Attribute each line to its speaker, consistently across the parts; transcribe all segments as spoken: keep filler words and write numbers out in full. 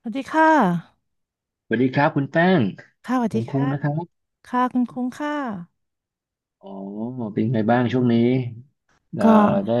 Speaker 1: สวัสดีค่ะ
Speaker 2: สวัสดีครับคุณแป้ง
Speaker 1: ค่ะสวัส
Speaker 2: ผ
Speaker 1: ดี
Speaker 2: มคุ้ง
Speaker 1: ค่ะ
Speaker 2: นะครับ
Speaker 1: ค่ะคุณคุ้งค่ะ
Speaker 2: อ๋อเป็นไงบ้างช่วงนี้เอ่อ
Speaker 1: ก็
Speaker 2: ได้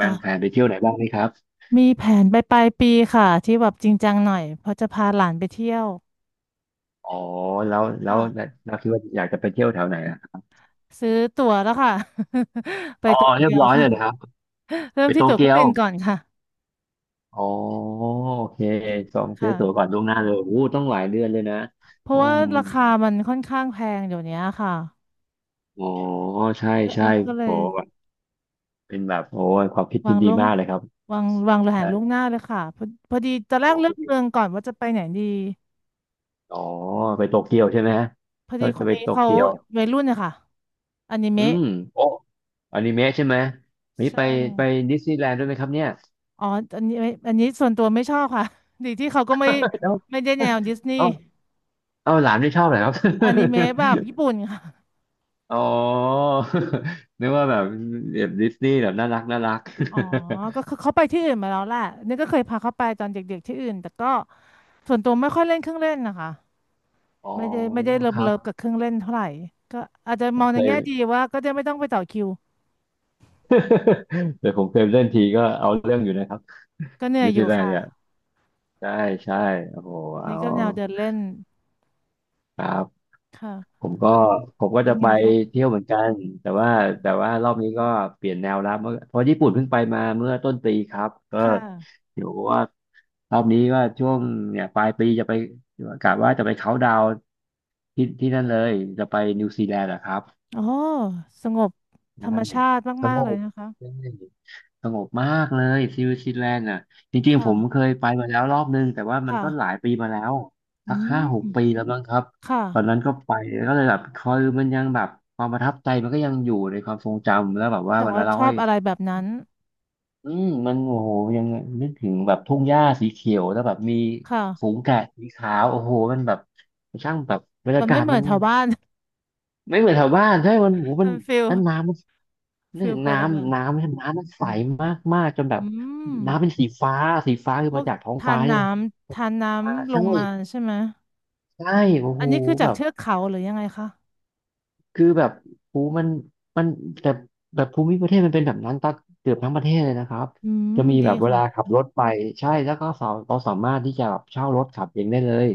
Speaker 2: วางแผน
Speaker 1: ่ะ
Speaker 2: ไปเที่ยวไหนบ้างไหมครับ
Speaker 1: มีแผนไปปลายปีค่ะที่แบบจริงจังหน่อยเพราะจะพาหลานไปเที่ยว
Speaker 2: อ๋อ แล้วแล้ว
Speaker 1: ค่ะ
Speaker 2: เราคิดว่าอยากจะไปเที่ยวแถวไหนอะ
Speaker 1: ซื้อตั๋วแล้วค่ะ ไป
Speaker 2: อ๋อ
Speaker 1: โต
Speaker 2: เรีย
Speaker 1: เกี
Speaker 2: บ
Speaker 1: ยว
Speaker 2: ร้อยเล
Speaker 1: ค่ะ
Speaker 2: ยนะครับ
Speaker 1: เริ่
Speaker 2: ไป
Speaker 1: ม
Speaker 2: โต
Speaker 1: ที่ตั๋วเค
Speaker 2: เกี
Speaker 1: รื่อ
Speaker 2: ย
Speaker 1: ง
Speaker 2: ว
Speaker 1: บินก่อนค่ะ
Speaker 2: อ๋อโอเคจองซื้อ
Speaker 1: ค่ะ
Speaker 2: ตั๋วก่อนล่วงหน้าเลยโอ้โหต้องหลายเดือนเลยนะ
Speaker 1: เพราะ
Speaker 2: อื
Speaker 1: ว่า
Speaker 2: ม
Speaker 1: ราคามันค่อนข้างแพงเดี๋ยวนี้ค่ะ
Speaker 2: อ๋อใช่
Speaker 1: ก็
Speaker 2: ใช่
Speaker 1: ก็เล
Speaker 2: โอ้
Speaker 1: ย
Speaker 2: เป็นแบบโอ้ยความคิด
Speaker 1: วา
Speaker 2: ที่
Speaker 1: ง
Speaker 2: ดี
Speaker 1: ล่วง
Speaker 2: มากเลยครับ
Speaker 1: วางวางแผน
Speaker 2: ใช่
Speaker 1: ล่วงหน้าเลยค่ะพอพอดีตอนแรก
Speaker 2: โอ้
Speaker 1: เลื
Speaker 2: โห
Speaker 1: อกเมืองก่อนว่าจะไปไหนดี
Speaker 2: อ๋อไปโตเกียวใช่ไหมฮะ
Speaker 1: พอ
Speaker 2: ก็
Speaker 1: ดีค
Speaker 2: จะ
Speaker 1: น
Speaker 2: ไป
Speaker 1: นี้
Speaker 2: โต
Speaker 1: เขา
Speaker 2: เกียว
Speaker 1: วัยรุ่นนะคะอนิ
Speaker 2: อื
Speaker 1: เมะ
Speaker 2: มโอ้อนิเมะใช่ไหมนี่
Speaker 1: ใช่
Speaker 2: ไปไปดิสนีย์แลนด์ด้วยไหมครับเนี่ย
Speaker 1: อ๋ออันนี้ไม่อันนี้ส่วนตัวไม่ชอบค่ะ ดีที่เขาก็ไม่
Speaker 2: เอ้า
Speaker 1: ไม่ได้แนวดิสนีย์
Speaker 2: เอ้าเอ้าหลานไม่ชอบเหรอครับ
Speaker 1: อนิเมะแบบญี่ปุ่นค่ะ
Speaker 2: อ๋อ นึกว่าแบบแบบดิสนีย์แบบน่ารักน่ารัก
Speaker 1: อ๋อก็คือเขาไปที่อื่นมาแล้วแหละนี่ก็เคยพาเขาไปตอนเด็กๆที่อื่น แต่ก็ส่วนตัวไม่ค่อยเล่นเครื่องเล่นนะคะ
Speaker 2: อ๋อ
Speaker 1: ไม่ได้ไม่ได้เลิ
Speaker 2: ค
Speaker 1: ฟ
Speaker 2: รั
Speaker 1: เลิฟ
Speaker 2: บ
Speaker 1: กับเครื่องเล่นเท่าไหร่ ก็อาจจะ
Speaker 2: ผ
Speaker 1: ม
Speaker 2: ม
Speaker 1: อง
Speaker 2: เค
Speaker 1: ใน
Speaker 2: ย
Speaker 1: แง่ดีว่าก็จะไม่ต้องไปต่อคิว
Speaker 2: แต่ผมเคยเล่นทีก็เอาเรื่องอยู่นะครับ
Speaker 1: ก็เหนื่อย
Speaker 2: ดิส
Speaker 1: อ
Speaker 2: นี
Speaker 1: ยู่
Speaker 2: ย์แลนด์เนี่ย
Speaker 1: ค่ะ
Speaker 2: ใช่ใช่โอ้โหเอา
Speaker 1: นี่ก็แนวเดินเล่น
Speaker 2: ครับ
Speaker 1: ค่ะ
Speaker 2: ผมก็
Speaker 1: แล้ว
Speaker 2: ผมก็
Speaker 1: เป็
Speaker 2: จะ
Speaker 1: น
Speaker 2: ไป
Speaker 1: ไงคะ
Speaker 2: เที่ยวเหมือนกันแต่ว่าแต่
Speaker 1: ค่ะ
Speaker 2: ว่ารอบนี้ก็เปลี่ยนแนวแล้วเมื่อเพราะญี่ปุ่นเพิ่งไปมาเมื่อต้นปีครับก็
Speaker 1: ค่ะ
Speaker 2: เดี๋ยวว่ารอบนี้ก็ช่วงเนี่ยปลายปีจะไปกะว่าจะไปเขาน์ดาวน์ที่ที่นั่นเลยจะไปนิวซีแลนด์อะครับ
Speaker 1: อ๋อสงบธร
Speaker 2: ใช่
Speaker 1: รมชาติ
Speaker 2: ส
Speaker 1: มา
Speaker 2: ง
Speaker 1: กๆเลย
Speaker 2: บ
Speaker 1: นะคะ
Speaker 2: ใช่สงบมากเลยซิลซีแลนด์อ่ะจริงๆ
Speaker 1: ค่ะ
Speaker 2: ผมเคยไปมาแล้วรอบนึงแต่ว่ามันก็หลา
Speaker 1: ค่ะ
Speaker 2: ยปีมาแล้ว
Speaker 1: อื
Speaker 2: สักห้าหก
Speaker 1: ม
Speaker 2: ปีแล้วมั้งครับ
Speaker 1: ค่ะ
Speaker 2: ตอนนั้นก็ไปก็เลยแบบคือยมันยังแบบความประทับใจมันก็ยังอยู่ในความทรงจำแล้วแบบว่า
Speaker 1: แต่
Speaker 2: เว
Speaker 1: ว่า
Speaker 2: ลาเรา
Speaker 1: ชอบ
Speaker 2: ให้
Speaker 1: อะไรแบบนั้น
Speaker 2: อืมมันโอ้โหยังนึกถึงแบบทุ่งหญ้าสีเขียวแล้วแบบมี
Speaker 1: ค่ะ
Speaker 2: ฝูงแกะสีขาวโอ้โหมันแบบช่างแบบบรร
Speaker 1: มั
Speaker 2: ยา
Speaker 1: น
Speaker 2: กา
Speaker 1: ไม่
Speaker 2: ศ
Speaker 1: เหมื
Speaker 2: มั
Speaker 1: อน
Speaker 2: น
Speaker 1: แถวบ้าน
Speaker 2: ไม่เหมือนแถวบ้านใช่มันโห มั
Speaker 1: มั
Speaker 2: น
Speaker 1: นฟิล
Speaker 2: นั้นน้ำมันนึ
Speaker 1: ฟิลพอ
Speaker 2: น้
Speaker 1: ละแบบ
Speaker 2: ำน้ำมันน้ำมันใสมากมากจนแบ
Speaker 1: อื
Speaker 2: บ
Speaker 1: ม
Speaker 2: น้ำเป็นสีฟ้าสีฟ้าคื
Speaker 1: พ
Speaker 2: อ
Speaker 1: ว
Speaker 2: มา
Speaker 1: ก
Speaker 2: จากท้อง
Speaker 1: ทา
Speaker 2: ฟ้า
Speaker 1: น
Speaker 2: ใช่
Speaker 1: น้
Speaker 2: ไหม
Speaker 1: ำทานน้
Speaker 2: มา
Speaker 1: ำล
Speaker 2: ใช่
Speaker 1: งมาใช่ไหม
Speaker 2: ใช่โอ้
Speaker 1: อั
Speaker 2: โห
Speaker 1: นนี้คือจา
Speaker 2: แบ
Speaker 1: ก
Speaker 2: บ
Speaker 1: เทือกเขาหรือยังไงคะ
Speaker 2: คือแบบภูมันมันแต่แบบภูมิประเทศมันเป็นแบบนั้นตั้งเกือบทั้งประเทศเลยนะครับ
Speaker 1: อืม
Speaker 2: จะมี
Speaker 1: ดี
Speaker 2: แบบเว
Speaker 1: ค่ะ
Speaker 2: ลาขับรถไปใช่แล้วก็สาเราสามารถที่จะแบบเช่ารถขับเองได้เลย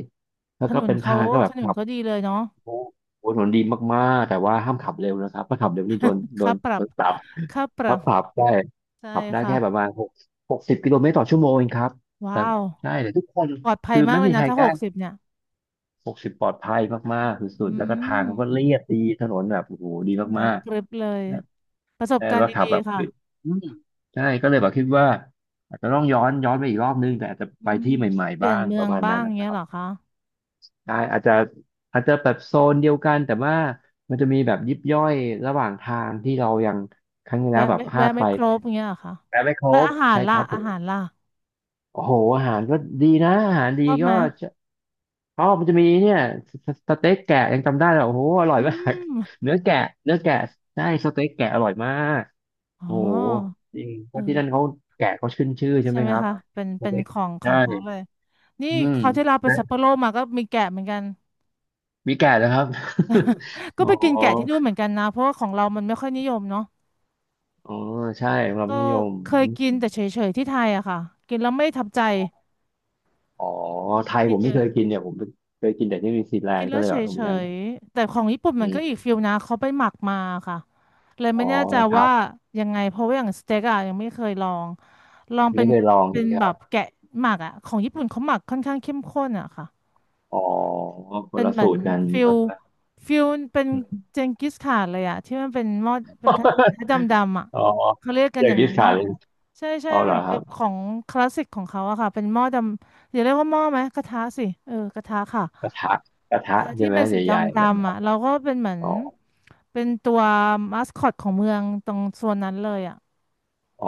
Speaker 2: แล้ว
Speaker 1: ถ
Speaker 2: ก็
Speaker 1: นน
Speaker 2: เป็น
Speaker 1: เขา
Speaker 2: ทางก็แบ
Speaker 1: ถ
Speaker 2: บ
Speaker 1: นนเขาดีเลยเนาะ
Speaker 2: โอ้โหถนนดีมากๆแต่ว่าห้ามขับเร็วนะครับถ้าขับเร็วนี่โดนโด
Speaker 1: ค่า
Speaker 2: น
Speaker 1: ปรั
Speaker 2: โด
Speaker 1: บ
Speaker 2: นปรับ
Speaker 1: ค่าป
Speaker 2: ค
Speaker 1: รั
Speaker 2: รับ
Speaker 1: บ
Speaker 2: ปรับได้
Speaker 1: ใช่
Speaker 2: ขับได้
Speaker 1: ค่ะ
Speaker 2: แค่ประมาณหกหกสิบกิโลเมตรต่อชั่วโมงเองครับ
Speaker 1: ว้าว
Speaker 2: ใช่แต่ทุกคน
Speaker 1: ปลอดภั
Speaker 2: คื
Speaker 1: ย
Speaker 2: อ
Speaker 1: มาก
Speaker 2: ไม่
Speaker 1: เล
Speaker 2: มี
Speaker 1: ย
Speaker 2: ใค
Speaker 1: นะ
Speaker 2: ร
Speaker 1: ถ้า
Speaker 2: ก
Speaker 1: ห
Speaker 2: ล้า
Speaker 1: กสิบเนี่ย
Speaker 2: หกสิบปลอดภัยมากๆสุด
Speaker 1: อื
Speaker 2: ๆแล้วก็ทางเขาก็
Speaker 1: ม
Speaker 2: เรียบดีถนนแบบโอ้โหดี
Speaker 1: ใช่ไหม
Speaker 2: มาก
Speaker 1: กริบเลย
Speaker 2: ๆแต่
Speaker 1: ประสบ
Speaker 2: แต่
Speaker 1: การณ์
Speaker 2: ว่าขับ
Speaker 1: ดี
Speaker 2: แบบ
Speaker 1: ๆค่ะ
Speaker 2: คืออืมใช่ก็เลยแบบคิดว่าอาจจะต้องย้อนย้อนไปอีกรอบนึงแต่อาจจะ
Speaker 1: อื
Speaker 2: ไป
Speaker 1: ม
Speaker 2: ที่ใหม่
Speaker 1: เป
Speaker 2: ๆ
Speaker 1: ลี่
Speaker 2: บ้า
Speaker 1: ยน
Speaker 2: ง
Speaker 1: เมื
Speaker 2: ป
Speaker 1: อ
Speaker 2: ระ
Speaker 1: ง
Speaker 2: มาณ
Speaker 1: บ้า
Speaker 2: นั้
Speaker 1: ง
Speaker 2: นนะค
Speaker 1: เงี้ย
Speaker 2: รับ
Speaker 1: เหรอคะ
Speaker 2: ได้อาจจะอาจจะแบบโซนเดียวกันแต่ว่ามันจะมีแบบยิบย่อยระหว่างทางที่เรายังครั้งที่แล้
Speaker 1: แวะ
Speaker 2: วแบบ
Speaker 1: ไม่
Speaker 2: พลา
Speaker 1: แวะ
Speaker 2: ด
Speaker 1: ไม่
Speaker 2: ไป
Speaker 1: ครบเงี้ยเหรอคะ
Speaker 2: แต่ไม่คร
Speaker 1: แล้ว
Speaker 2: บ
Speaker 1: อาหาร
Speaker 2: ใช่ค
Speaker 1: ล่ะ
Speaker 2: รับผ
Speaker 1: อา
Speaker 2: ม
Speaker 1: หารล่ะ
Speaker 2: โอ้โหอาหารก็ดีนะอาหาร
Speaker 1: ช
Speaker 2: ดี
Speaker 1: อบไหม
Speaker 2: ก็อ๋อมันจะมีเนี่ยสสสเต็กแกะยังจำได้เลยโอ้โหอร่อย
Speaker 1: อื
Speaker 2: มาก
Speaker 1: ม
Speaker 2: เนื้อแกะเนื้อแกะใช่สเต็กแกะอร่อยมาก
Speaker 1: อ๋อ
Speaker 2: โอ้โหจริงเพราะที่นั่น
Speaker 1: เออ
Speaker 2: เขาแกะเขาขึ้นชื่อใช่
Speaker 1: ใช่
Speaker 2: ไหม
Speaker 1: ไหม
Speaker 2: ครับ
Speaker 1: คะเป็น
Speaker 2: ส
Speaker 1: เป็น
Speaker 2: เต็ก
Speaker 1: ของขอ
Speaker 2: ใช่
Speaker 1: งเขาเลยนี่
Speaker 2: อืม
Speaker 1: เขาวที่เราไปซัปโปโรมาก็มีแกะเหมือนกัน
Speaker 2: มีแกะนะครับ
Speaker 1: ก็
Speaker 2: อ๋อ
Speaker 1: ไปกินแกะที่นู่นเหมือนกันนะเพราะว่าของเรามันไม่ค่อยนิยมเนาะ
Speaker 2: อ๋อใช่สำหรับ
Speaker 1: ก็
Speaker 2: มัธยม
Speaker 1: เคย
Speaker 2: อ
Speaker 1: กิน
Speaker 2: ม
Speaker 1: แต่เฉยๆที่ไทยอะค่ะกินแล้วไม่ทับใจ
Speaker 2: อ๋อไทย
Speaker 1: กิ
Speaker 2: ผ
Speaker 1: น
Speaker 2: ม
Speaker 1: เย
Speaker 2: ไม่เค
Speaker 1: อะ
Speaker 2: ยกินเนี่ยผมเคยกินแต่ที่นิวซีแลน
Speaker 1: กิน
Speaker 2: ด์ก็
Speaker 1: แล้ว
Speaker 2: เลย
Speaker 1: เฉ
Speaker 2: แบบผมยัง
Speaker 1: ยๆแต่ของญี่ปุ่น
Speaker 2: อื
Speaker 1: มันก็อีก
Speaker 2: ม
Speaker 1: ฟิลนะเขาไปหมักมาค่ะเลย
Speaker 2: อ๋
Speaker 1: ไม่
Speaker 2: อ
Speaker 1: แน่ใจ
Speaker 2: แล้วครั
Speaker 1: ว่า
Speaker 2: บ
Speaker 1: ยังไงเพราะว่าอย่างสเต็กอะยังไม่เคยลองลองเป็
Speaker 2: ไม่
Speaker 1: น
Speaker 2: เคยลอง
Speaker 1: เป็น
Speaker 2: ใช่ไหม
Speaker 1: แบ
Speaker 2: ครั
Speaker 1: บ
Speaker 2: บ
Speaker 1: แกะหมักอะของญี่ปุ่นเขาหมักค่อนข้างเข้มข้นอะค่ะ
Speaker 2: อ๋อค
Speaker 1: เป็
Speaker 2: น
Speaker 1: น
Speaker 2: ละ
Speaker 1: เหมือ
Speaker 2: สู
Speaker 1: น
Speaker 2: ตรกัน
Speaker 1: ฟิล
Speaker 2: นะครับ
Speaker 1: ฟิลเป็น
Speaker 2: อืม
Speaker 1: เจงกิสข่านเลยอะที่มันเป็นหม้อเป็นกระดำดำ ๆอะ
Speaker 2: อ๋อ
Speaker 1: เขาเรียกกั
Speaker 2: อ
Speaker 1: นอ
Speaker 2: ยาก
Speaker 1: ย่าง
Speaker 2: กิ
Speaker 1: นั้
Speaker 2: น
Speaker 1: น
Speaker 2: ขา
Speaker 1: เนาะ
Speaker 2: เลย
Speaker 1: ใช่ใช่
Speaker 2: เอาอ
Speaker 1: เห
Speaker 2: เหร
Speaker 1: มื
Speaker 2: อ
Speaker 1: อน
Speaker 2: ค
Speaker 1: กั
Speaker 2: รั
Speaker 1: บ
Speaker 2: บ
Speaker 1: ของคลาสสิกของเขาอะค่ะเป็นหม้อดำอย่าเรียกว่าหม้อไหมกระทะสิเออกระทะค่ะ
Speaker 2: กระทะกระทะใช่
Speaker 1: ที่
Speaker 2: ไหม
Speaker 1: เป็นสีด
Speaker 2: ใหญ่ๆ
Speaker 1: ำ
Speaker 2: นะ
Speaker 1: ๆ
Speaker 2: ครั
Speaker 1: อ่ะ
Speaker 2: บ
Speaker 1: เราก็เป็นเหมือน
Speaker 2: อ๋อ
Speaker 1: เป็นตัวมาสคอตของเมืองตรงโซนนั้นเลยอ่ะ
Speaker 2: อ๋อ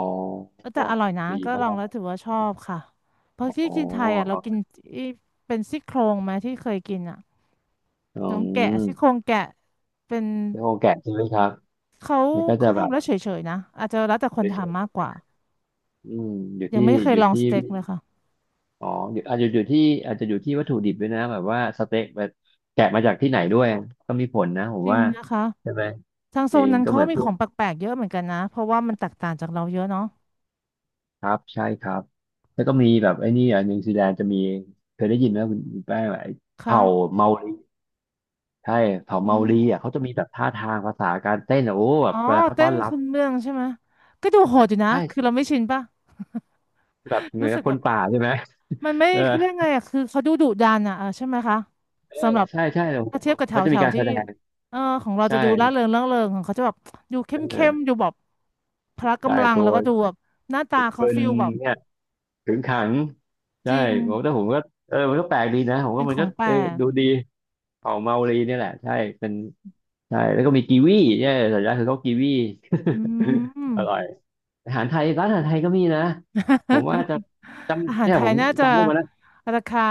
Speaker 1: เออแต่อร่อยนะ
Speaker 2: ดี
Speaker 1: ก็ล
Speaker 2: มา
Speaker 1: องแล้ว
Speaker 2: ก
Speaker 1: ถือว่าชอบค่ะเพราะที่
Speaker 2: อ๋อ
Speaker 1: กินไทยอ่ะเรากินอีเป็นซี่โครงไหมที่เคยกินอ่ะ
Speaker 2: อื
Speaker 1: น้องแกะซี่โคร
Speaker 2: ม
Speaker 1: งแกะเป็น
Speaker 2: แล้วโอแกะใช่ไหมครับ
Speaker 1: เขา
Speaker 2: มันก็จะ
Speaker 1: เขา
Speaker 2: แบ
Speaker 1: ทำ
Speaker 2: บ
Speaker 1: แล้วเฉยๆนะอาจจะแล้วแต่คน
Speaker 2: เฉ
Speaker 1: ทำมาก
Speaker 2: ย
Speaker 1: กว่า
Speaker 2: ๆอืมอยู่
Speaker 1: ยัง
Speaker 2: ที่
Speaker 1: ไม่เคย
Speaker 2: อยู่
Speaker 1: ลองส
Speaker 2: ที่
Speaker 1: เต็กเลยค่ะ
Speaker 2: อ๋ออยู่อาจจะอยู่ที่อาจจะอยู่ที่วัตถุดิบด้วยนะแบบว่าสเต็กแบบแกะมาจากที่ไหนด้วยก็มีผลนะผม
Speaker 1: จริง
Speaker 2: ว่า
Speaker 1: นะคะ
Speaker 2: ใช่ไหม
Speaker 1: ทาง
Speaker 2: จ
Speaker 1: โซ
Speaker 2: ริ
Speaker 1: น
Speaker 2: ง
Speaker 1: นั้น
Speaker 2: ก็
Speaker 1: เขา
Speaker 2: เหมือ
Speaker 1: ก็
Speaker 2: น
Speaker 1: มี
Speaker 2: พ
Speaker 1: ข
Speaker 2: วก
Speaker 1: องแปลกๆเยอะเหมือนกันนะเพราะว่ามันแตกต่างจากเราเยอะเนาะ
Speaker 2: ครับใช่ครับแล้วก็มีแบบไอ้นี่อ่ะนิวซีแลนด์จะมีเคยได้ยินไหมคุณคุณแป้งไอ้
Speaker 1: ค่ะ
Speaker 2: เผ่าเมารีใช่เผ่า
Speaker 1: อื
Speaker 2: เมารี
Speaker 1: ม
Speaker 2: อ่ะเขาจะมีแบบท่าทางภาษาการเต้นอ่ะโอ้แบ
Speaker 1: อ๋
Speaker 2: บ
Speaker 1: อ
Speaker 2: เวลาเขา
Speaker 1: เต้
Speaker 2: ต้อ
Speaker 1: น
Speaker 2: นรับ
Speaker 1: คุณเมืองใช่ไหมก็ดูโหดอยู่นะคือเรา
Speaker 2: ใช่
Speaker 1: ไม่ชินป่ะ
Speaker 2: แบบ เหมือ
Speaker 1: รู้
Speaker 2: น
Speaker 1: สึ
Speaker 2: กับ
Speaker 1: ก
Speaker 2: ค
Speaker 1: แบ
Speaker 2: น
Speaker 1: บ
Speaker 2: ป่าใช่ไหม
Speaker 1: มันไม่
Speaker 2: เออ
Speaker 1: เขาเรียกไงอ่ะคือเขาดูดุดันอ่ะเออใช่ไหมคะ
Speaker 2: เออ
Speaker 1: สำหรับ
Speaker 2: ใช่ใช่โอ้โห
Speaker 1: ถ้าเทียบกับแถ
Speaker 2: เขา
Speaker 1: ว
Speaker 2: จะ
Speaker 1: แถ
Speaker 2: มี
Speaker 1: ว
Speaker 2: การแส
Speaker 1: ที่
Speaker 2: ดง
Speaker 1: เออของเราจะดูร่า
Speaker 2: ใช่
Speaker 1: เริงร่าเริงของเขาจะแบบดูเข้มเข้ม
Speaker 2: เออ
Speaker 1: ดูแบบพละ
Speaker 2: ใช่
Speaker 1: กำลัง
Speaker 2: ตั
Speaker 1: แล้
Speaker 2: ว
Speaker 1: วก็ดูแบบหน้า
Speaker 2: เ
Speaker 1: ตาเขา
Speaker 2: บิร์น
Speaker 1: ฟิลแบบ
Speaker 2: เนี่ย ขึงขัง
Speaker 1: จ
Speaker 2: ใช่
Speaker 1: ริง
Speaker 2: ผมแต่ผมก็เออมันก็แปลกดีนะ ผมก็
Speaker 1: เป็น
Speaker 2: มั
Speaker 1: ข
Speaker 2: น
Speaker 1: อ
Speaker 2: ก็
Speaker 1: งแปล
Speaker 2: เออ
Speaker 1: ก
Speaker 2: ดูดีของเมาลีเนี่ยแหละ ใช่เป็นใช่แล้วก็มีกีวีใช่สัญญาคือเขากีวี
Speaker 1: อืม
Speaker 2: อร่อยอาหารไทยร้านอาหารไทยก็มีนะ ผมว่าจะ
Speaker 1: อา
Speaker 2: จำ
Speaker 1: หาร
Speaker 2: เนี่ย
Speaker 1: ไท
Speaker 2: ผ
Speaker 1: ย
Speaker 2: ม
Speaker 1: น่าจะ
Speaker 2: จำได้วันนั้น
Speaker 1: ราคา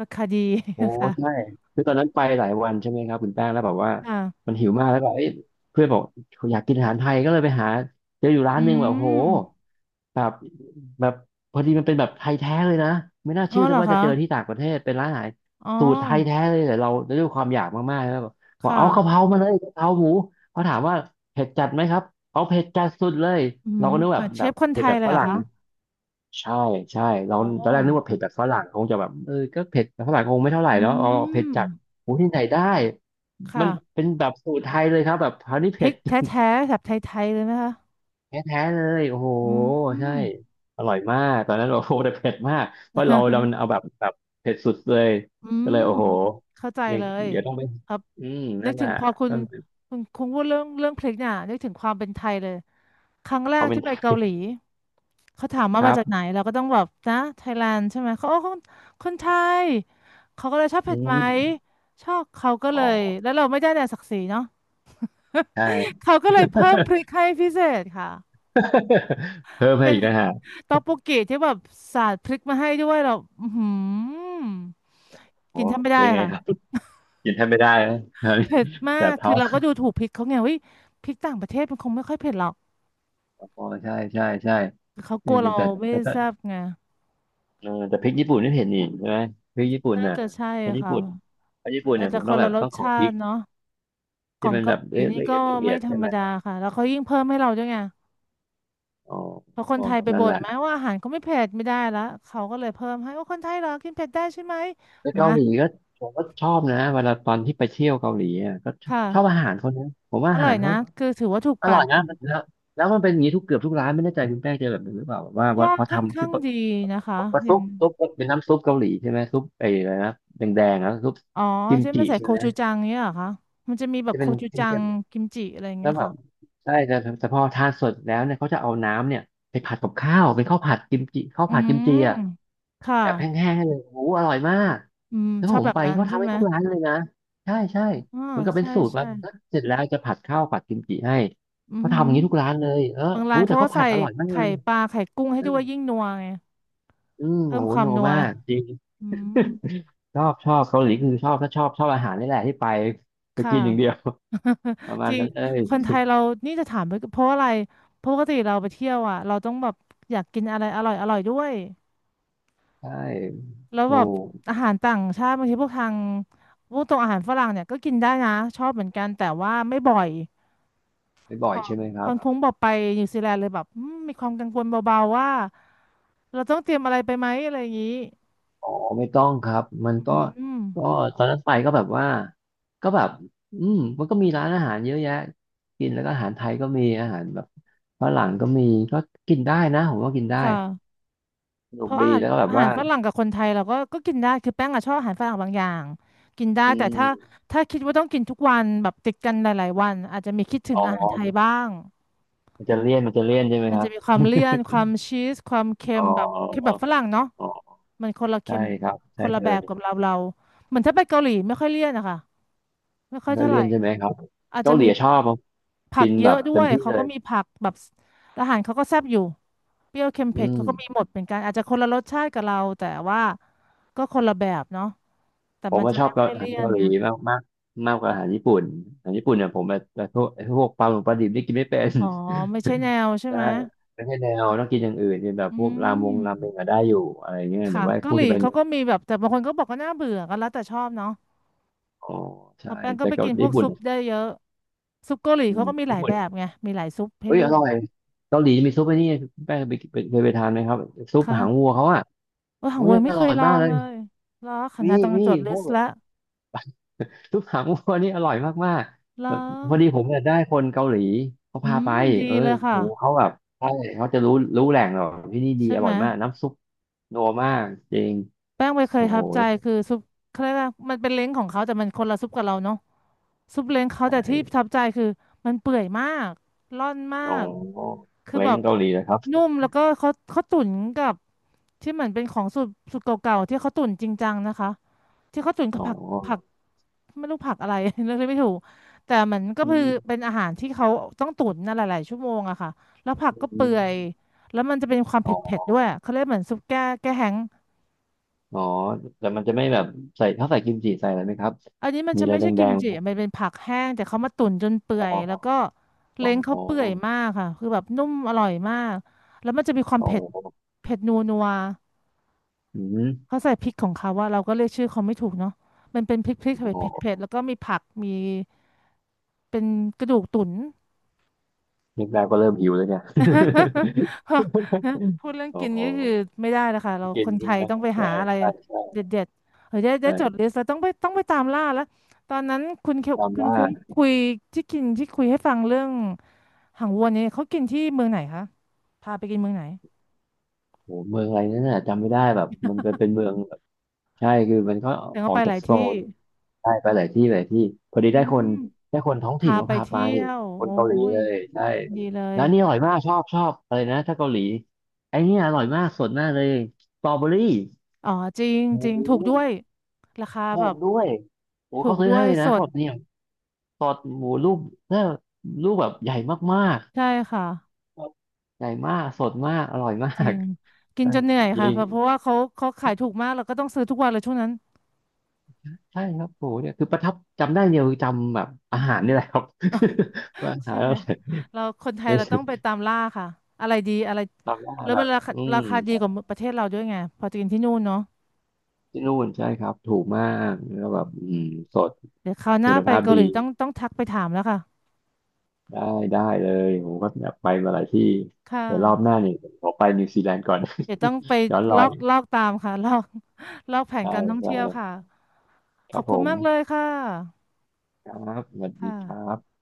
Speaker 1: ราคาดี
Speaker 2: โอ้
Speaker 1: นะคะ
Speaker 2: ใช่คือตอนนั้นไปหลายวันใช่ไหมครับคุณแป้งแล้วแบบว่า
Speaker 1: ค่ะ
Speaker 2: มันหิวมากแล้วก็เอ้ยเพื่อนบอกอยากกินอาหารไทยก็เลยไปหาเจออยู่ร้า
Speaker 1: อื
Speaker 2: นหนึงแบบโห
Speaker 1: ม
Speaker 2: แบบแบบพอดีมันเป็นแบบไทยแท้เลยนะไม่น่า
Speaker 1: อ๋อ
Speaker 2: เชื่อ
Speaker 1: เห
Speaker 2: จะ
Speaker 1: รอ
Speaker 2: ว่าจะ
Speaker 1: คะ
Speaker 2: เจอที่ต่างประเทศเป็นร้านอาหาร
Speaker 1: อ๋อ
Speaker 2: สูตรไทยแท้เลยแต่เราด้วยความอยากมากๆแล้วบอกบอก
Speaker 1: ค่ะ
Speaker 2: เอากะเพรามาเลยกะเพราหมูเขาถามว่าเผ็ดจัดไหมครับเอาเผ็ดจัดสุดเลย
Speaker 1: อื
Speaker 2: เรา
Speaker 1: ม
Speaker 2: ก็นึกแบ
Speaker 1: แบ
Speaker 2: บ
Speaker 1: บเช
Speaker 2: แบบ
Speaker 1: ฟคนไท
Speaker 2: เผ็ด
Speaker 1: ย
Speaker 2: แบบ
Speaker 1: เลย
Speaker 2: ฝ
Speaker 1: เหรอ
Speaker 2: รั่ง
Speaker 1: คะ
Speaker 2: ใช่ใช่เรา
Speaker 1: อ๋อ
Speaker 2: ตอนแรกนึกว่าเผ็ดแบบฝรั่งคงจะแบบเออก็เผ็ดแบบฝรั่งคงไม่เท่าไหร่
Speaker 1: อื
Speaker 2: เนาะเอาเผ็ดจาก
Speaker 1: ม
Speaker 2: โอ้ที่ไหนได้มั
Speaker 1: ค่ะ
Speaker 2: นเป็นแบบสูตรไทยเลยครับแบบคราวนี้
Speaker 1: พ
Speaker 2: เผ็
Speaker 1: ริ
Speaker 2: ด
Speaker 1: ก แท้ๆแบบไทยๆเลยนะคะ
Speaker 2: แท้ๆเลยโอ้โห
Speaker 1: อื
Speaker 2: ใช่
Speaker 1: ม
Speaker 2: อร่อยมากตอนนั้นโอ้โหแต่เผ็ดมากเพราะเราเรามันเอาแบ บแบบเผ็ดสุดเลย
Speaker 1: อื
Speaker 2: ก็
Speaker 1: ม
Speaker 2: เลยโอ้โห
Speaker 1: เข้าใจ
Speaker 2: ยัง
Speaker 1: เลย
Speaker 2: เดี๋ยวต้องไป
Speaker 1: ครับ
Speaker 2: อืม
Speaker 1: นึ
Speaker 2: นั่
Speaker 1: ก
Speaker 2: นแห
Speaker 1: ถึ
Speaker 2: ละ
Speaker 1: งพอคุณ
Speaker 2: ก็
Speaker 1: คุณคุณพูดเรื่องเรื่องพริกเนี่ยนึกถึงความเป็นไทยเลย ครั้งแร
Speaker 2: เขา
Speaker 1: ก
Speaker 2: เป็น
Speaker 1: ที่ไปเกาหลีเขาถามว่า
Speaker 2: ค
Speaker 1: มา
Speaker 2: รั
Speaker 1: จากไหน
Speaker 2: บ
Speaker 1: เราก็ต้องแบบนะไทยแลนด์ใช่ไหมเขาโอ้คนคนไทยเขาก็เลยชอบ
Speaker 2: อื
Speaker 1: เผ็ดไหม
Speaker 2: ม
Speaker 1: ชอบเขาก็
Speaker 2: อ๋
Speaker 1: เล
Speaker 2: อ
Speaker 1: ยแล้วเราไม่ได้แต่ศักดิ์ศรีเนาะ
Speaker 2: ใช่
Speaker 1: เขาก็เลยเพิ่มพริกให้พิเศษค่ะ
Speaker 2: เพิ่มให้
Speaker 1: เป็น
Speaker 2: อีกนะฮะ
Speaker 1: ต๊อกบกกิที่แบบสาดพริกมาให้ด้วยเราอือหือ
Speaker 2: โอ้
Speaker 1: กินแทบไม่
Speaker 2: เป็
Speaker 1: ได้
Speaker 2: นไง
Speaker 1: ค่ะ
Speaker 2: ครับกินแทบไม่ได้นะ
Speaker 1: เผ็ดมา
Speaker 2: แส
Speaker 1: ก
Speaker 2: บท้
Speaker 1: คื
Speaker 2: อ
Speaker 1: อ
Speaker 2: ง
Speaker 1: เราก็ดูถูกพริกเขาไงเฮ้ยพริกต่างประเทศมันคงไม่ค่อยเผ็ดหรอก
Speaker 2: อ๋อใช่ใช่ใช่
Speaker 1: เขาก
Speaker 2: แต่
Speaker 1: ลัวเรา
Speaker 2: แต่
Speaker 1: ไม่
Speaker 2: แต่
Speaker 1: แซ่
Speaker 2: แต่
Speaker 1: บไง
Speaker 2: เออแต่พริกญี่ปุ่นนี่เห็นอีกใช่ไหมพริกญี่ปุ่น
Speaker 1: น่า
Speaker 2: น่ะ
Speaker 1: จะใช่
Speaker 2: พริกญี่
Speaker 1: ค่ะ
Speaker 2: ปุ่นพริกญี่ปุ่น
Speaker 1: อา
Speaker 2: เนี่
Speaker 1: จ
Speaker 2: ยผ
Speaker 1: จะ
Speaker 2: ม
Speaker 1: ค
Speaker 2: ต้อง
Speaker 1: น
Speaker 2: แบ
Speaker 1: ละ
Speaker 2: บ
Speaker 1: ร
Speaker 2: ต้
Speaker 1: ส
Speaker 2: องขอ
Speaker 1: ชา
Speaker 2: พริก
Speaker 1: ติเนาะขอ
Speaker 2: ที่
Speaker 1: ง
Speaker 2: มัน
Speaker 1: เกา
Speaker 2: แบ
Speaker 1: ห
Speaker 2: บ
Speaker 1: ลีนี่
Speaker 2: ละ
Speaker 1: ก็
Speaker 2: เอียดละเอี
Speaker 1: ไม่
Speaker 2: ยด
Speaker 1: ธร
Speaker 2: ใช่
Speaker 1: รม
Speaker 2: ไหม
Speaker 1: ดาค่ะแล้วเขายิ่งเพิ่มให้เราด้วยไง
Speaker 2: อ๋อ
Speaker 1: เพราะคน
Speaker 2: อ๋อ
Speaker 1: ไทยไป
Speaker 2: นั่น
Speaker 1: บ่
Speaker 2: แห
Speaker 1: น
Speaker 2: ละ
Speaker 1: ไหมว่าอาหารเขาไม่เผ็ดไม่ได้ละเขาก็เลยเพิ่มให้ว่าคนไทยเหรอกินเผ็ดได้ใช่ไหม
Speaker 2: แล้ว
Speaker 1: มา
Speaker 2: เกาหลีก็ผมก็ชอบนะเวลาตอนที่ไปเที่ยวเกาหลีอ่ะก็ช
Speaker 1: ค
Speaker 2: อบชอบอา
Speaker 1: ่ะ
Speaker 2: หารเขานะผมว่า
Speaker 1: อ
Speaker 2: อา
Speaker 1: ร่อ
Speaker 2: หา
Speaker 1: ย
Speaker 2: ร
Speaker 1: นะ
Speaker 2: เขา
Speaker 1: คือถือว่าถูก
Speaker 2: อ
Speaker 1: ปา
Speaker 2: ร่อย
Speaker 1: กอ
Speaker 2: นะ
Speaker 1: ยู่
Speaker 2: มันแล้วแล้วมันเป็นอย่างนี้ทุกเกือบทุกร้านไม่แน่ใจคุณแป้งเจอแบบนี้หรือเปล่าแบบว่า
Speaker 1: ก็
Speaker 2: ว่าพอ
Speaker 1: ค่อน
Speaker 2: ทำ
Speaker 1: ข้า
Speaker 2: ที่
Speaker 1: ง
Speaker 2: ปะ
Speaker 1: ดีนะคะ
Speaker 2: ปะ
Speaker 1: อ
Speaker 2: ซุ
Speaker 1: ย่าง
Speaker 2: ปซุปเป็นน้ำซุปเกาหลีใช่ไหมซุปไอ้อะไรนะแดงๆนะซุป
Speaker 1: อ๋อ
Speaker 2: กิม
Speaker 1: ใช่ไหม
Speaker 2: จิ
Speaker 1: ใส่
Speaker 2: ใช่
Speaker 1: โค
Speaker 2: ไหม
Speaker 1: ชูจังเนี่ยเหรอคะมันจะมีแบบ
Speaker 2: จะ
Speaker 1: โค
Speaker 2: เป็น
Speaker 1: ชู
Speaker 2: เ
Speaker 1: จั
Speaker 2: ค็
Speaker 1: ง
Speaker 2: ม
Speaker 1: กิมจิอะไรอย่าง
Speaker 2: แล้
Speaker 1: เงี้
Speaker 2: ว
Speaker 1: ย
Speaker 2: แบบ
Speaker 1: ค่ะ
Speaker 2: ใช่แต่แต่พอทานเสร็จแล้วเนี่ยเขาจะเอาน้ำเนี่ยไปผัดกับข้าวเป็นข้าวผัดกิมจิข้าว
Speaker 1: อื
Speaker 2: ผัดกิมจิ
Speaker 1: ม
Speaker 2: อ่ะ
Speaker 1: ค่ะ
Speaker 2: แบบแห้งๆให้เลยโอ้โหอร่อยมาก
Speaker 1: อืม
Speaker 2: แล้ว
Speaker 1: ชอ
Speaker 2: ผ
Speaker 1: บ
Speaker 2: ม
Speaker 1: แบบ
Speaker 2: ไป
Speaker 1: นั้น
Speaker 2: ก็
Speaker 1: ใช่
Speaker 2: ทำให้
Speaker 1: ไหม
Speaker 2: ทุกร้านเลยนะใช่ใช่
Speaker 1: อ๋อ
Speaker 2: เหมือนกับเป็น
Speaker 1: ใช่
Speaker 2: สูตรมา
Speaker 1: ใช่
Speaker 2: ก็เสร็จแล้วจะผัดข้าวผัดกิมจิให้
Speaker 1: อือ
Speaker 2: เขา
Speaker 1: หื
Speaker 2: ทำอ
Speaker 1: อ
Speaker 2: ย่างนี้ทุกร้านเลยเออ
Speaker 1: บางร้า
Speaker 2: รู้
Speaker 1: น
Speaker 2: แต่
Speaker 1: เขาก็
Speaker 2: เขาผั
Speaker 1: ใส่
Speaker 2: ดอร่อยมากเล
Speaker 1: ไข่
Speaker 2: ย
Speaker 1: ปลาไข่กุ้งให้
Speaker 2: อื
Speaker 1: ด้ว
Speaker 2: ม
Speaker 1: ยยิ่งนัวไง
Speaker 2: อืม
Speaker 1: เพิ่
Speaker 2: โอ้
Speaker 1: ม
Speaker 2: โห
Speaker 1: ควา
Speaker 2: โน
Speaker 1: มนัว
Speaker 2: มากจริง
Speaker 1: อืม
Speaker 2: ชอบชอบเกาหลีคือชอบถ้าชอบชอบอาหารนี่แหละที่ไปไป
Speaker 1: ค่ะ
Speaker 2: กินอย่างเดียว ประ มา
Speaker 1: จ
Speaker 2: ณ
Speaker 1: ริง
Speaker 2: นั้นเลย
Speaker 1: คนไทยเรานี่จะถามไปเพราะอะไรเพราะปกติเราไปเที่ยวอ่ะเราต้องแบบอยากกินอะไรอร่อยอร่อยด้วย
Speaker 2: ใช่
Speaker 1: แล้ว
Speaker 2: ดู
Speaker 1: แบบอาหารต่างชาติบางทีพวกทางพวกตรงอาหารฝรั่งเนี่ยก็กินได้นะชอบเหมือนกันแต่ว่าไม่บ่อย
Speaker 2: ไปบ่อยใช่ไหมค
Speaker 1: พ
Speaker 2: รั
Speaker 1: อ
Speaker 2: บ
Speaker 1: นคุ้งบอกไปนิวซีแลนด์เลยแบบอืมมีความกังวลเบาๆว่าเราต้องเตรียมอะไรไปไหมอะไรอย่างนี้
Speaker 2: อ๋อไม่ต้องครับมัน
Speaker 1: อ
Speaker 2: ก็
Speaker 1: ืม
Speaker 2: ก็ตอนนั้นไปก็แบบว่าก็แบบอืมมันก็มีร้านอาหารเยอะแยะกินแล้วก็อาหารไทยก็มีอาหารแบบฝรั่งก็มีก็กินได้นะผมว่ากินได้
Speaker 1: ค่ะ
Speaker 2: ส
Speaker 1: เพ
Speaker 2: นุก
Speaker 1: ราะอา
Speaker 2: ดี
Speaker 1: หาร
Speaker 2: แล้วก็แบบ
Speaker 1: อาหา
Speaker 2: ว่า
Speaker 1: รฝรั่งกับคนไทยเราก็ก็กินได้คือแป้งอะชอบอาหารฝรั่งบางอย่างกินได้
Speaker 2: อื
Speaker 1: แต่
Speaker 2: ม
Speaker 1: ถ้าถ้าคิดว่าต้องกินทุกวันแบบติดกันหลายๆวันอาจจะมีคิดถึ
Speaker 2: อ๋
Speaker 1: งอาหารไทย
Speaker 2: อ
Speaker 1: บ้าง
Speaker 2: มันจะเลี่ยนมันจะเลี่ยนใช่ไหม
Speaker 1: มัน
Speaker 2: ครั
Speaker 1: จะ
Speaker 2: บ
Speaker 1: มีความเลี่ยนความชีสความเค็
Speaker 2: อ๋
Speaker 1: ม
Speaker 2: อ
Speaker 1: แบบเค็มแบบฝรั่งเนาะ
Speaker 2: อ๋อ
Speaker 1: มันคนละ
Speaker 2: ใช่
Speaker 1: เค็ม
Speaker 2: ครับ
Speaker 1: ค
Speaker 2: ใช่
Speaker 1: นละ
Speaker 2: เล
Speaker 1: แบบกับ
Speaker 2: ย
Speaker 1: เราเราเหมือนถ้าไปเกาหลีไม่ค่อยเลี่ยนอะค่ะไม่ค่อ
Speaker 2: ไม่
Speaker 1: ย
Speaker 2: ค่อย
Speaker 1: เท่าไห
Speaker 2: เลี่
Speaker 1: ร่
Speaker 2: ยนใช่ไหมครับ
Speaker 1: อาจ
Speaker 2: เกา
Speaker 1: จะ
Speaker 2: หลี
Speaker 1: มี
Speaker 2: ชอบครับ
Speaker 1: ผั
Speaker 2: กิ
Speaker 1: ก
Speaker 2: น
Speaker 1: เย
Speaker 2: แบ
Speaker 1: อะ
Speaker 2: บ
Speaker 1: ด้
Speaker 2: เต็
Speaker 1: ว
Speaker 2: ม
Speaker 1: ย
Speaker 2: ที่
Speaker 1: เขา
Speaker 2: เล
Speaker 1: ก็
Speaker 2: ย
Speaker 1: มีผักแบบอาหารเขาก็แซ่บอยู่เปรี้ยวเค็มเผ็
Speaker 2: อื
Speaker 1: ด
Speaker 2: ม
Speaker 1: เขาก็มีหมดเป็นกันอาจจะคนละรสชาติกับเราแต่ว่าก็คนละแบบเนาะแต่
Speaker 2: ผม
Speaker 1: มัน
Speaker 2: ว่า
Speaker 1: จะ
Speaker 2: ชอ
Speaker 1: ไม่
Speaker 2: บกา
Speaker 1: ค่อย
Speaker 2: อาหา
Speaker 1: เลี่
Speaker 2: ร
Speaker 1: ยน
Speaker 2: เกาห
Speaker 1: ไง
Speaker 2: ลีมากมากมากกว่าอาหารญี่ปุ่นอาหารญี่ปุ่นเนี่ยผมแบบแบบพวกไอ้พวกปลาหมึกปลาดิบนี่กินไม่เป็น
Speaker 1: อ๋อไม่ใช่แนวใช่
Speaker 2: ใช่
Speaker 1: ไหม
Speaker 2: ไม่ใช่แนวต้องกินอย่างอื่นกินแบบ
Speaker 1: อื
Speaker 2: พวกรามงราเม
Speaker 1: ม
Speaker 2: งอะได้อยู่อะไรเงี้ยแต่
Speaker 1: ค่ะ
Speaker 2: ว่า
Speaker 1: เกา
Speaker 2: พว
Speaker 1: ห
Speaker 2: ก
Speaker 1: ลี
Speaker 2: ที่เป็น
Speaker 1: เขาก็มีแบบแต่บางคนก็บอกก็น่าเบื่อก็แล้วแต่ชอบเนาะ
Speaker 2: อ๋อ
Speaker 1: พ
Speaker 2: ใช่
Speaker 1: อแป้งก็
Speaker 2: แต่
Speaker 1: ไป
Speaker 2: เกั
Speaker 1: กิ
Speaker 2: บ
Speaker 1: นพว
Speaker 2: ญี่
Speaker 1: ก
Speaker 2: ปุ่น
Speaker 1: ซุป
Speaker 2: อะ
Speaker 1: ได้เยอะซุปเกาหลี
Speaker 2: อื
Speaker 1: เขา
Speaker 2: ม
Speaker 1: ก็มีห
Speaker 2: ญี่
Speaker 1: ลาย
Speaker 2: ปุ่
Speaker 1: แบ
Speaker 2: น
Speaker 1: บไงมีหลายซุปให้
Speaker 2: เอ้ย
Speaker 1: เลื
Speaker 2: อ
Speaker 1: อ
Speaker 2: ร่อ
Speaker 1: ก
Speaker 2: ยเกาหลีมีซุปไอ้นี่คุณแป้งเคยไปเคยไปทานไหมครับซุปหางวั
Speaker 1: ค่ะ
Speaker 2: วเขาอ่ะ
Speaker 1: ว่าหา
Speaker 2: โอ้
Speaker 1: งเว
Speaker 2: ย
Speaker 1: ย
Speaker 2: อ
Speaker 1: ไม่เค
Speaker 2: ร่อ
Speaker 1: ย
Speaker 2: ย
Speaker 1: ลอ
Speaker 2: มาก
Speaker 1: ง
Speaker 2: เลย
Speaker 1: เลยเหรอขนา
Speaker 2: มี
Speaker 1: ดต้องจ
Speaker 2: มี
Speaker 1: ดลิ
Speaker 2: พว
Speaker 1: ส
Speaker 2: ก
Speaker 1: ต์ละ
Speaker 2: ซุปขาหมูนี่อร่อยมาก
Speaker 1: เหร
Speaker 2: ๆแบ
Speaker 1: อ
Speaker 2: บพอดีผมเนี่ยได้คนเกาหลีเขา
Speaker 1: อื
Speaker 2: พาไป
Speaker 1: มดี
Speaker 2: เออ
Speaker 1: เลย
Speaker 2: โอ้
Speaker 1: ค่ะ
Speaker 2: โหเขาแบบใช่เขาจะรู้รู้แหล่งหรอกที่นี่ดี
Speaker 1: ใช่
Speaker 2: อ
Speaker 1: ไห
Speaker 2: ร่
Speaker 1: ม
Speaker 2: อยมากน้ำซุปนัวมากจริง
Speaker 1: แป้งไปเคย
Speaker 2: โอ้
Speaker 1: ทั
Speaker 2: โห
Speaker 1: บใจคือซุปเขาเรียกว่ามันเป็นเล้งของเขาแต่มันคนละซุปกับเราเนาะซุปเล้งเขาแต่ที่
Speaker 2: ใช่
Speaker 1: ทับใจคือมันเปื่อยมากร่อนมา
Speaker 2: อ๋อ
Speaker 1: กคือ
Speaker 2: เล้
Speaker 1: แบ
Speaker 2: ง
Speaker 1: บ
Speaker 2: เกาหลีนะครับ
Speaker 1: นุ่มแล้วก็เขาเขาตุ๋นกับที่เหมือนเป็นของสูตรสูตรเก่าๆที่เขาตุ๋นจริงจังนะคะที่เขาตุ๋นกั
Speaker 2: อ๋
Speaker 1: บ
Speaker 2: อ
Speaker 1: ผักผัก ไม่รู้ผักอะไร เลือกได้ไม่ถูกแต่มันก็
Speaker 2: อื
Speaker 1: คือเป็
Speaker 2: ม
Speaker 1: นอาหารที่เขาต้องตุ๋นนะหลายๆชั่วโมงอะค่ะแล้วผักก็
Speaker 2: อื
Speaker 1: เปื่อย
Speaker 2: ม
Speaker 1: แล้วมันจะเป็นความเผ
Speaker 2: อ๋อ
Speaker 1: ็ดๆด้วยเขาเรียกเหมือนซุปแก้แก้แห้ง
Speaker 2: อ๋อแต่มันจะไม่แบบใส่เขาใส่กิมจิใส่อะไรไหมครับ
Speaker 1: อันนี้มัน
Speaker 2: มี
Speaker 1: จะ
Speaker 2: อะไร
Speaker 1: ไม่ใช่
Speaker 2: แด
Speaker 1: กิม
Speaker 2: งๆ
Speaker 1: จิ
Speaker 2: ไหม
Speaker 1: มันเป็นผักแห้งแต่เขามาตุ๋นจนเปื่อ
Speaker 2: อ๋
Speaker 1: ยแล้ว
Speaker 2: อ
Speaker 1: ก็
Speaker 2: อ๋อ
Speaker 1: เล้งเขา
Speaker 2: อ๋อ
Speaker 1: เปื่อยมากค่ะคือแบบนุ่มอร่อยมากแล้วมันจะมีความ
Speaker 2: อ๋อ
Speaker 1: เผ็ดเผ็ดนัวนัว
Speaker 2: อืม
Speaker 1: เขาใส่พริกของเขาว่าเราก็เรียกชื่อเขาไม่ถูกเนาะมันเป็นพริกพริก
Speaker 2: อ๋
Speaker 1: เผ็ด
Speaker 2: อ
Speaker 1: เผ็ดเผ็ดแล้วก็มีผักมีเป็นกระดูกตุ๋น
Speaker 2: นึกได้ก็เริ่มหิวแล้วเนี่ย
Speaker 1: พูดเรื่อง
Speaker 2: อ๋อ
Speaker 1: กินนี่คือไม่ได้นะคะเรา
Speaker 2: กิ
Speaker 1: ค
Speaker 2: น
Speaker 1: นไท
Speaker 2: ใช่
Speaker 1: ย
Speaker 2: ไหม
Speaker 1: ต้องไป
Speaker 2: ใช่
Speaker 1: หาอะไร
Speaker 2: ใช่
Speaker 1: เด
Speaker 2: ใช่
Speaker 1: ็ดๆเฮ้ยได้ได้จด
Speaker 2: ใช่
Speaker 1: ลิสต์แล้วต้องไปต้องไปตามล่าแล้วตอนนั้นคุณเคคุ
Speaker 2: จำ
Speaker 1: ณ
Speaker 2: ว่า
Speaker 1: คุ้งคุยที่กินที่คุยให้ฟังเรื่องหางวัวเนี่ยเขากินที่เมืองไหนคะพาไปกินเมืองไหน
Speaker 2: โหเมืองอะไรนั่นน่ะจำไม่ได้แบบมันเป็นเป็นเมืองแบบใช่คือมันก็
Speaker 1: แต่
Speaker 2: อ
Speaker 1: เขา
Speaker 2: อ
Speaker 1: ไป
Speaker 2: ก
Speaker 1: ห
Speaker 2: จาก
Speaker 1: ลาย
Speaker 2: โซ
Speaker 1: ที่
Speaker 2: นได้ไปหลายที่หลายที่พอดี
Speaker 1: อื
Speaker 2: ได้ค
Speaker 1: ม
Speaker 2: นได้คนท้องถิ่น
Speaker 1: พา
Speaker 2: เขา
Speaker 1: ไป
Speaker 2: พาไป
Speaker 1: เที่ยว
Speaker 2: คน
Speaker 1: โอ้
Speaker 2: เกาหลี
Speaker 1: ย
Speaker 2: เลยใช่
Speaker 1: ดีเลย
Speaker 2: ร้านนี้อร่อยมากชอบชอบอะไรนะถ้าเกาหลีไอ้เนี่ยอร่อยมากสดมากเลยสตรอเบอรี่
Speaker 1: อ๋อจริง
Speaker 2: โอ้
Speaker 1: จริง
Speaker 2: โห
Speaker 1: ถูกด้วยราคา
Speaker 2: ห
Speaker 1: แบ
Speaker 2: อม
Speaker 1: บ
Speaker 2: ด้วยโอ้
Speaker 1: ถู
Speaker 2: เขา
Speaker 1: ก
Speaker 2: ซื้อ
Speaker 1: ด้ว
Speaker 2: ให้
Speaker 1: ย
Speaker 2: เลย
Speaker 1: ส
Speaker 2: นะเขา
Speaker 1: ด
Speaker 2: แบบเนี่ยสดหมูลูกเนี่ยลูกแบบใหญ่มาก
Speaker 1: ใช่ค่ะ
Speaker 2: ๆใหญ่มากสดมากอร่อยมา
Speaker 1: จริ
Speaker 2: ก
Speaker 1: งกิน
Speaker 2: ใช่
Speaker 1: จนเหนื่อย
Speaker 2: ยิ
Speaker 1: ค่ะเพ
Speaker 2: ง
Speaker 1: ราะเพราะว่าเขาเขาขายถูกมากเราก็ต้องซื้อทุกวันเลยช่วงนั้น
Speaker 2: ใช่ครับโหเนี่ยคือประทับจำได้เดียวคือจำแบบอาหารนี่แหละครับ ว่าอา หา
Speaker 1: ใช่
Speaker 2: ร
Speaker 1: ไหม
Speaker 2: อะไรอย
Speaker 1: เราคนไทย
Speaker 2: ไม่
Speaker 1: เรา
Speaker 2: ใช่
Speaker 1: ต้องไปตามล่าค่ะอะไรดีอะไร
Speaker 2: จำได้
Speaker 1: แล้ว
Speaker 2: แบ
Speaker 1: มัน
Speaker 2: บ
Speaker 1: ราคา
Speaker 2: อื
Speaker 1: รา
Speaker 2: ม
Speaker 1: คาดีกว่าประเทศเราด้วยไงพอจะกินที่นู่นเนาะ
Speaker 2: ที่นู่นใช่ครับถูกมากแล้ว
Speaker 1: อื
Speaker 2: แบบอืม
Speaker 1: ม
Speaker 2: สด
Speaker 1: เดี๋ยวคราวห
Speaker 2: คุ
Speaker 1: น้า
Speaker 2: ณ
Speaker 1: ไป
Speaker 2: ภาพ
Speaker 1: เกา
Speaker 2: ดี
Speaker 1: หลีต้องต้องทักไปถามแล้วค่ะ
Speaker 2: ได้ได้เลยผมก็อยากไปมาหลายที่
Speaker 1: ค่ะ
Speaker 2: แต่รอบหน้าเนี่ยขอไปนิวซีแลนด์ก่อน
Speaker 1: เดี๋ยวต้องไป
Speaker 2: ย้อนร
Speaker 1: ล
Speaker 2: อ
Speaker 1: อ
Speaker 2: ย
Speaker 1: กลอกตามค่ะลอกลอกแผน
Speaker 2: ใช่
Speaker 1: การท่อง
Speaker 2: ใช่
Speaker 1: เที่ยวค่ะ
Speaker 2: ค
Speaker 1: ขอ
Speaker 2: รับ
Speaker 1: บ
Speaker 2: ผ
Speaker 1: คุณ
Speaker 2: ม
Speaker 1: มากเลยค่ะ
Speaker 2: ครับสวัสดีครั
Speaker 1: ค่ะ
Speaker 2: บ